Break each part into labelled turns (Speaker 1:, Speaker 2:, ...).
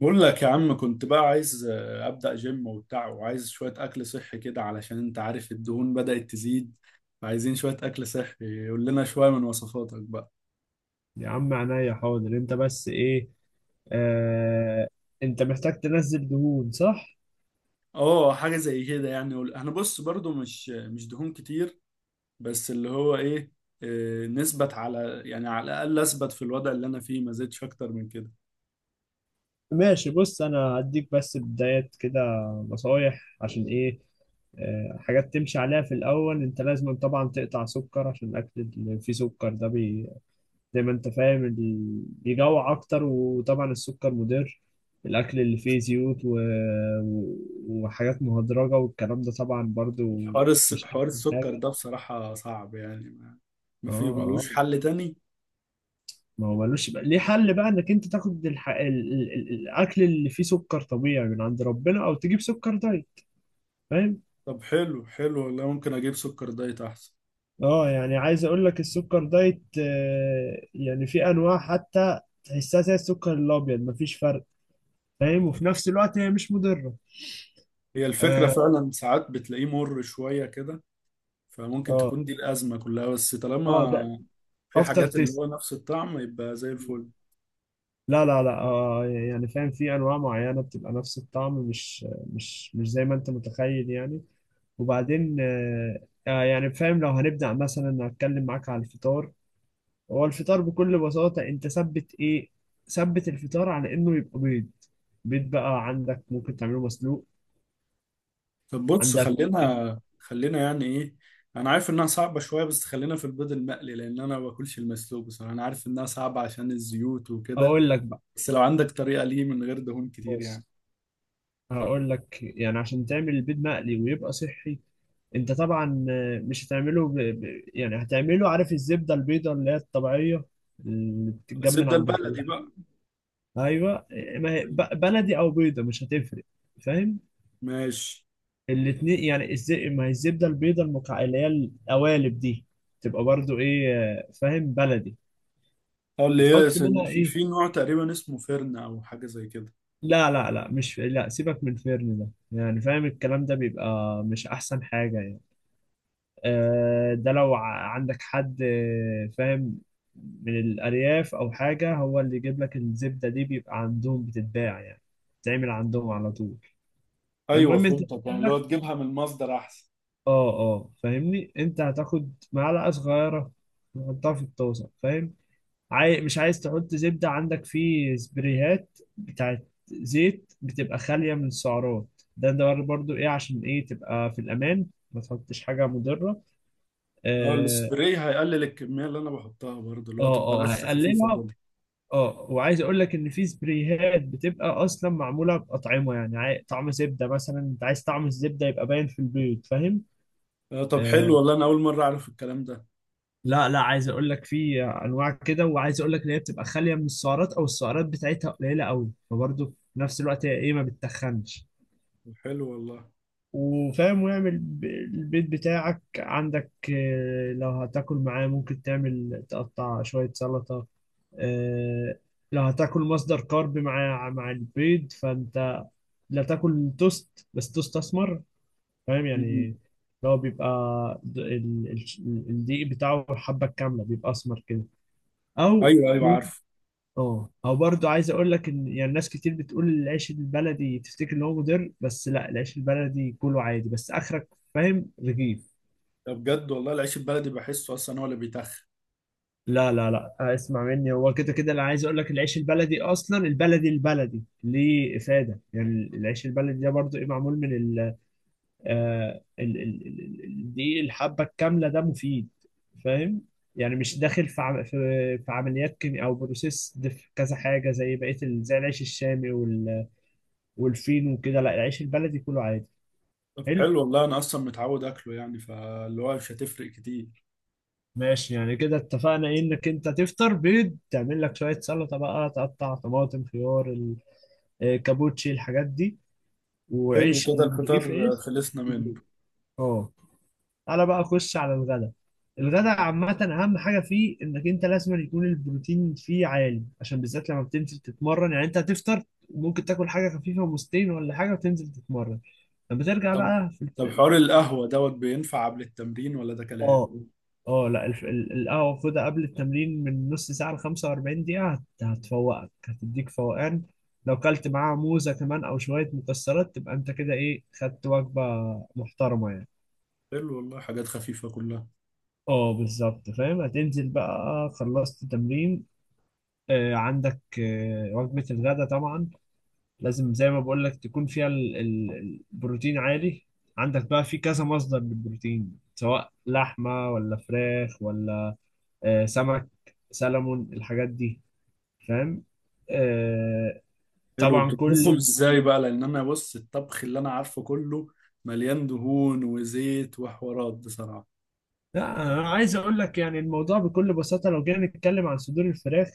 Speaker 1: بقول لك يا عم، كنت بقى عايز ابدا جيم وبتاع، وعايز شويه اكل صحي كده علشان انت عارف الدهون بدات تزيد. فعايزين شويه اكل صحي، قول لنا شويه من وصفاتك بقى.
Speaker 2: يا عم عينيا حاضر. انت بس ايه؟ آه انت محتاج تنزل دهون، صح؟
Speaker 1: اه، حاجه زي كده يعني. انا بص برضو مش دهون كتير، بس اللي هو ايه، نثبت على، يعني على الاقل اثبت في الوضع اللي انا فيه، ما زدتش اكتر من كده.
Speaker 2: ماشي، بص انا هديك بس بدايات كده، نصايح عشان ايه. حاجات تمشي عليها في الاول. انت لازم طبعا تقطع سكر، عشان الاكل اللي فيه سكر ده بي زي ما انت فاهم بيجوع اكتر، وطبعا السكر مضر. الاكل اللي فيه زيوت و... وحاجات مهدرجة والكلام ده طبعا برضو مش
Speaker 1: حوار
Speaker 2: احسن
Speaker 1: السكر
Speaker 2: حاجة.
Speaker 1: ده بصراحه صعب يعني، ما
Speaker 2: اه
Speaker 1: فيه
Speaker 2: آه.
Speaker 1: ملوش حل تاني؟
Speaker 2: ما هو ملوش بقى ليه حل بقى، انك انت تاخد الح... ال... ال... ال- الاكل اللي فيه سكر طبيعي من عند ربنا، او تجيب سكر دايت، فاهم؟
Speaker 1: طب حلو حلو والله، ممكن اجيب سكر دايت احسن.
Speaker 2: اه، يعني عايز اقول لك السكر دايت يعني في انواع حتى تحسها زي السكر الابيض، مفيش فرق، فاهم؟ وفي نفس الوقت هي مش مضره.
Speaker 1: هي الفكرة
Speaker 2: اه
Speaker 1: فعلا، ساعات بتلاقيه مر شوية كده، فممكن
Speaker 2: اه
Speaker 1: تكون دي الأزمة كلها. بس
Speaker 2: اه ده
Speaker 1: طالما في
Speaker 2: افتر
Speaker 1: حاجات اللي
Speaker 2: تيست؟
Speaker 1: هو نفس الطعم، يبقى زي الفل.
Speaker 2: لا لا لا، يعني فاهم، في انواع معينه بتبقى نفس الطعم، مش زي ما انت متخيل يعني. وبعدين يعني فاهم، لو هنبدأ مثلا هتكلم معاك على الفطار. هو الفطار بكل بساطة انت ثبت ايه؟ ثبت الفطار على انه يبقى بيض. بيض بقى عندك ممكن تعمله مسلوق،
Speaker 1: طب بص،
Speaker 2: عندك ممكن.
Speaker 1: خلينا خلينا يعني إيه، أنا عارف إنها صعبة شوية، بس خلينا في البيض المقلي، لأن أنا ما باكلش المسلوق بصراحة. أنا عارف إنها صعبة عشان الزيوت وكده،
Speaker 2: اقول لك بقى،
Speaker 1: بس لو عندك طريقة ليه من غير دهون كتير
Speaker 2: بص
Speaker 1: يعني.
Speaker 2: هقول لك يعني عشان تعمل البيض مقلي ويبقى صحي. انت طبعا مش هتعمله يعني هتعمله، عارف الزبدة البيضة اللي هي الطبيعية، اللي بتتجمن
Speaker 1: الزبدة
Speaker 2: عند
Speaker 1: البلدي
Speaker 2: الفلاحين؟
Speaker 1: بقى.
Speaker 2: ايوه، ما هي بلدي او بيضة مش هتفرق، فاهم؟
Speaker 1: ماشي.
Speaker 2: الاتنين يعني ما هي الزبده البيضه اللي هي القوالب دي، تبقى برضو ايه فاهم، بلدي.
Speaker 1: اه، اللي هي
Speaker 2: هتحط منها
Speaker 1: في
Speaker 2: ايه؟
Speaker 1: في نوع تقريبا اسمه فرن أو حاجة زي كده.
Speaker 2: لا لا لا، مش، لا سيبك من الفرن ده، يعني فاهم الكلام ده بيبقى مش احسن حاجه يعني. ده لو عندك حد فاهم، من الارياف او حاجه، هو اللي يجيب لك الزبده دي، بيبقى عندهم بتتباع يعني، بتتعمل عندهم على طول.
Speaker 1: أيوه
Speaker 2: المهم انت،
Speaker 1: فهمتك، يعني اللي هو تجيبها من المصدر أحسن.
Speaker 2: اه اه فاهمني، انت هتاخد معلقه صغيره تحطها في الطاسه، فاهم؟ مش عايز تحط زبده. عندك في سبريهات بتاعت زيت بتبقى خاليه من السعرات، ده ده برضو ايه عشان ايه، تبقى في الامان، ما تحطش حاجه مضره.
Speaker 1: اه،
Speaker 2: اه
Speaker 1: السبراي هيقلل الكميه اللي انا بحطها برضه، اللي
Speaker 2: اه
Speaker 1: هو تبقى بس خفيفه
Speaker 2: هيقللها.
Speaker 1: كده.
Speaker 2: اه، وعايز اقول لك ان في سبريهات بتبقى اصلا معموله باطعمه، يعني طعم زبده مثلا، انت عايز طعم الزبده يبقى باين في البيض، فاهم؟
Speaker 1: آه، طب حلو
Speaker 2: آه،
Speaker 1: والله، انا اول مره اعرف الكلام ده.
Speaker 2: لا لا، عايز اقول لك في انواع كده، وعايز اقول لك ان هي بتبقى خاليه من السعرات، او السعرات بتاعتها قليله قوي، فبرضه في نفس الوقت هي ايه، ما بتتخنش.
Speaker 1: طب حلو والله.
Speaker 2: وفاهم، ويعمل البيت بتاعك، عندك لو هتاكل معاه، ممكن تعمل تقطع شويه سلطه. آه، لو هتاكل مصدر كارب مع البيض، فانت لا تاكل توست، بس توست اسمر. فاهم، يعني
Speaker 1: مم.
Speaker 2: اللي هو بيبقى الدقيق بتاعه الحبه الكامله بيبقى اسمر كده. او
Speaker 1: ايوه ايوه
Speaker 2: ممكن،
Speaker 1: عارف.
Speaker 2: اه، او برضو عايز اقول لك ان، يعني ناس كتير بتقول العيش البلدي، تفتكر ان هو مضر، بس لا، العيش البلدي كله عادي، بس اخرك، فاهم، رغيف.
Speaker 1: ده بجد والله، العيش البلدي بحسه اصلا هو اللي بيتخن.
Speaker 2: لا لا لا، اسمع مني، هو كده كده، انا عايز اقول لك العيش البلدي اصلا، البلدي البلدي ليه افاده. يعني العيش البلدي ده برضو ايه، معمول من ال آه ال ال ال ال- الدقيق الحبه الكامله، ده مفيد، فاهم؟ يعني مش داخل في في عمليات كيمياء او بروسيس، كذا حاجه زي بقيه زي العيش الشامي والفين وكده، لا العيش البلدي كله عادي.
Speaker 1: طب
Speaker 2: حلو،
Speaker 1: حلو والله، انا اصلا متعود اكله يعني، فاللي هو مش هتفرق كتير.
Speaker 2: ماشي، يعني كده اتفقنا ايه، انك انت تفطر بيض، تعمل لك شوية سلطة بقى، تقطع طماطم، خيار، كابوتشي، الحاجات دي،
Speaker 1: حلو
Speaker 2: وعيش،
Speaker 1: كده
Speaker 2: ورغيف
Speaker 1: الفطار،
Speaker 2: عيش.
Speaker 1: خلصنا منه.
Speaker 2: اه، تعالى بقى اخش على الغدا. الغدا عامة أهم حاجة فيه إنك أنت لازم يكون البروتين فيه عالي، عشان بالذات لما بتنزل تتمرن. يعني أنت هتفطر، ممكن تاكل حاجة خفيفة ومستين ولا حاجة وتنزل تتمرن. لما ترجع
Speaker 1: طب
Speaker 2: بقى في،
Speaker 1: طب حوار القهوه دوت بينفع قبل التمرين ولا ده كلام؟
Speaker 2: اه اه لا القهوة خدها قبل التمرين من نص ساعة ل 45 دقيقة، هتفوقك، هتديك فوقان. لو كلت معاها موزة كمان أو شوية مكسرات، تبقى أنت كده إيه، خدت وجبة محترمة يعني.
Speaker 1: حلو والله، حاجات خفيفه كلها.
Speaker 2: اه بالظبط، فاهم، هتنزل بقى، خلصت تمرين، عندك وجبة الغداء طبعا لازم زي ما بقول لك تكون فيها البروتين عالي. عندك بقى في كذا مصدر للبروتين، سواء لحمة ولا فراخ ولا سمك، سلمون، الحاجات دي، فاهم. آه،
Speaker 1: حلو،
Speaker 2: طبعا
Speaker 1: بتطبخهم
Speaker 2: كل،
Speaker 1: ازاي بقى، لان انا بص الطبخ اللي انا عارفه كله مليان دهون وزيت وحوارات بصراحة.
Speaker 2: لا انا عايز اقول لك يعني الموضوع بكل بساطه، لو جينا نتكلم عن صدور الفراخ،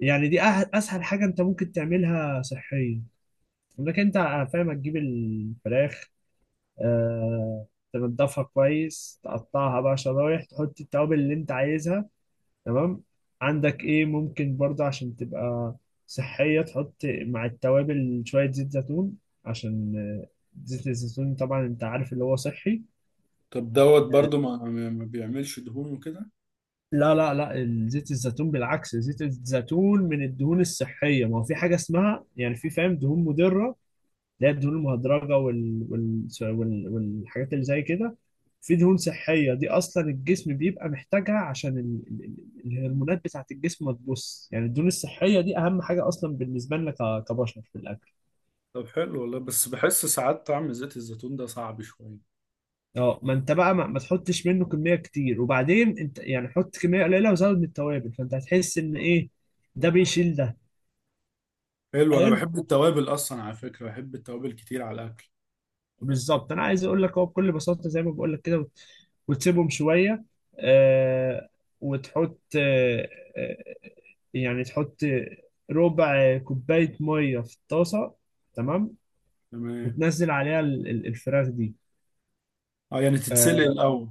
Speaker 2: يعني دي اسهل حاجه انت ممكن تعملها صحيا. انك انت فاهم، تجيب الفراخ، آه، تنضفها كويس، تقطعها بقى شرايح، تحط التوابل اللي انت عايزها، تمام؟ عندك ايه، ممكن برضه عشان تبقى صحية، تحط مع التوابل شوية زيت زيتون، عشان آه، زيت الزيتون طبعا انت عارف اللي هو صحي.
Speaker 1: طب دوت
Speaker 2: آه،
Speaker 1: برضو ما بيعملش دهون وكده؟
Speaker 2: لا لا لا، زيت الزيتون بالعكس، زيت الزيتون من الدهون الصحية. ما هو في حاجة اسمها، يعني في فاهم، دهون مضرة، اللي هي الدهون المهدرجه والحاجات اللي زي كده. في دهون صحيه، دي اصلا الجسم بيبقى محتاجها عشان الهرمونات بتاعه الجسم. ما تبص يعني، الدهون الصحيه دي اهم حاجه اصلا بالنسبه لنا كبشر في الاكل.
Speaker 1: طب حلو والله، بس بحس ساعات طعم زيت الزيتون ده صعب شوية.
Speaker 2: اه، ما انت بقى ما تحطش منه كميه كتير، وبعدين انت يعني حط كميه قليله وزود من التوابل، فانت هتحس ان ايه، ده بيشيل ده.
Speaker 1: حلو، انا
Speaker 2: حلو،
Speaker 1: بحب التوابل اصلا على فكرة، بحب التوابل كتير على الاكل.
Speaker 2: بالظبط، انا عايز اقول لك هو بكل بساطه زي ما بقول لك كده، وتسيبهم شويه، آه وتحط آه، يعني تحط ربع كوبايه ميه في الطاسه، تمام،
Speaker 1: تمام.
Speaker 2: وتنزل عليها الفراخ دي.
Speaker 1: اه، يعني تتسلق
Speaker 2: اه
Speaker 1: الاول؟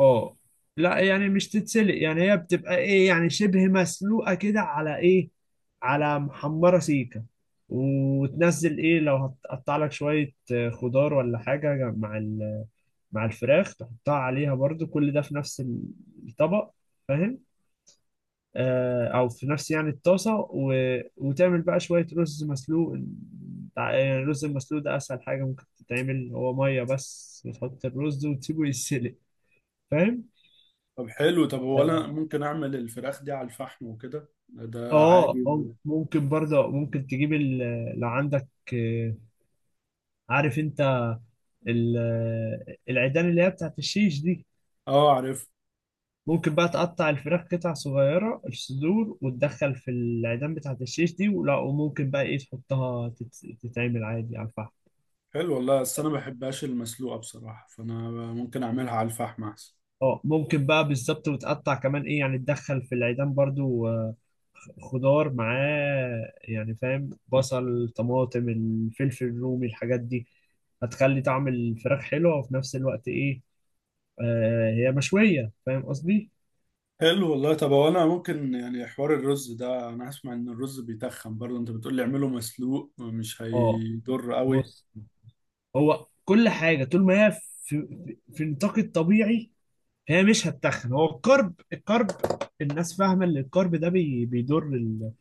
Speaker 2: آه. لا يعني مش تتسلق، يعني هي بتبقى ايه، يعني شبه مسلوقه كده، على ايه، على محمره سيكه. وتنزل ايه لو هتقطع لك شويه خضار ولا حاجه مع مع الفراخ، تحطها عليها برضو، كل ده في نفس الطبق، فاهم، او في نفس يعني الطاسه. وتعمل بقى شويه رز مسلوق. يعني الرز المسلوق ده اسهل حاجه ممكن تتعمل، هو ميه بس، وتحط الرز وتسيبه يتسلق، فاهم؟
Speaker 1: طب حلو، طب هو انا
Speaker 2: اه،
Speaker 1: ممكن اعمل الفراخ دي على الفحم وكده، ده عادي ولا؟
Speaker 2: ممكن برضه، ممكن تجيب لو عندك آه، عارف انت العيدان اللي هي بتاعت الشيش دي؟
Speaker 1: اه عارف.
Speaker 2: ممكن بقى تقطع الفراخ قطع صغيرة، الصدور، وتدخل في العيدان بتاعة الشيش دي، ولا وممكن بقى ايه تحطها تتعمل عادي على الفحم.
Speaker 1: حلو والله، بس انا ما بحبهاش المسلوقة بصراحة، فانا ممكن اعملها على الفحم احسن.
Speaker 2: اه، ممكن بقى، بالظبط، وتقطع كمان ايه، يعني تدخل في العيدان برضو خضار معاه، يعني فاهم، بصل، طماطم، الفلفل الرومي، الحاجات دي، هتخلي طعم الفراخ حلو، وفي نفس الوقت ايه، هي مشوية، فاهم قصدي.
Speaker 1: حلو والله، طب هو انا ممكن يعني حوار الرز ده، انا اسمع ان الرز بيتخن برضه، انت بتقول لي اعمله مسلوق مش
Speaker 2: اه،
Speaker 1: هيضر قوي؟
Speaker 2: بص، هو كل حاجة طول ما هي في، في نطاق الطبيعي هي مش هتتخن. هو الكرب، الكرب الناس فاهمه ان الكرب ده بي بيضر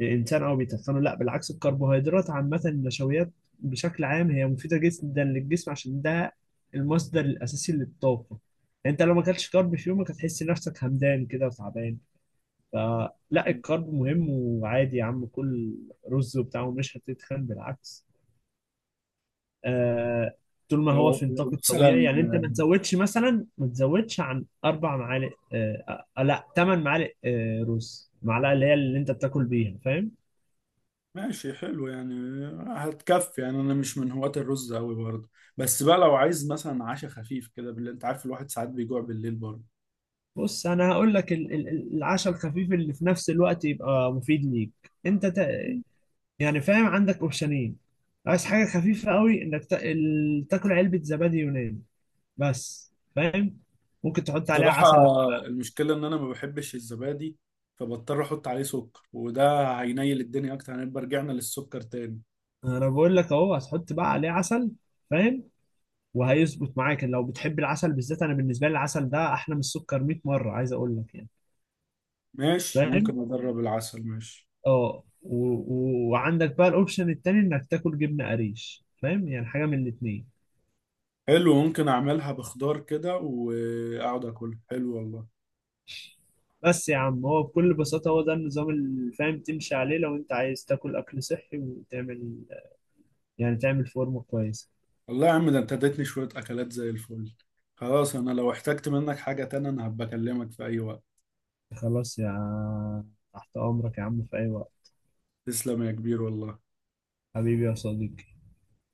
Speaker 2: الانسان او بيتخنه، لا بالعكس، الكربوهيدرات عامه، النشويات بشكل عام، هي مفيده جدا للجسم، عشان ده المصدر الاساسي للطاقه. انت لو ما اكلتش كرب في يومك هتحس نفسك همدان كده وتعبان. فلا، الكرب مهم، وعادي يا عم كل رز وبتاع ومش هتتخن، بالعكس. آه، طول ما هو
Speaker 1: لو
Speaker 2: في
Speaker 1: لو
Speaker 2: نطاق الطبيعي،
Speaker 1: مثلا،
Speaker 2: يعني انت ما تزودش مثلا، ما تزودش عن اربع معالق، لا ثمان معالق، رز، معلقه اللي هي اللي انت بتاكل بيها، فاهم؟
Speaker 1: ماشي حلو يعني. هتكفي يعني، انا مش من هواة الرز قوي برضه. بس بقى لو عايز مثلا عشاء خفيف كده بالليل، انت عارف الواحد ساعات بيجوع بالليل برضه.
Speaker 2: بص انا هقول لك العشاء الخفيف اللي في نفس الوقت يبقى مفيد ليك، انت تا... يعني فاهم، عندك اوبشنين. عايز حاجه خفيفه قوي، انك تاكل علبه زبادي يوناني بس، فاهم، ممكن تحط عليها
Speaker 1: بصراحة
Speaker 2: عسل.
Speaker 1: المشكلة ان انا ما بحبش الزبادي، فبضطر احط عليه سكر، وده هينيل الدنيا اكتر، هنبقى رجعنا للسكر تاني.
Speaker 2: انا بقول لك اهو، هتحط بقى عليه عسل، فاهم، وهيظبط معاك لو بتحب العسل، بالذات انا بالنسبه لي العسل ده احلى من السكر 100 مره، عايز اقول لك يعني.
Speaker 1: ماشي،
Speaker 2: فاهم،
Speaker 1: ممكن اجرب العسل، ماشي.
Speaker 2: اه، وعندك بقى الاوبشن التاني، انك تاكل جبنه قريش، فاهم، يعني حاجه من الاتنين.
Speaker 1: حلو، ممكن اعملها بخضار كده واقعد اكل، حلو والله.
Speaker 2: بس يا عم، هو بكل بساطه، هو ده النظام اللي فاهم تمشي عليه لو انت عايز تاكل اكل صحي، وتعمل يعني، تعمل فورمه كويسه.
Speaker 1: والله يا عم، ده انت اديتني شوية اكلات زي الفل. خلاص، انا لو احتجت منك حاجة تانية انا هبقى اكلمك في اي وقت.
Speaker 2: خلاص يا، تحت امرك يا عم في اي وقت،
Speaker 1: تسلم يا كبير والله.
Speaker 2: حبيبي يا صديقي.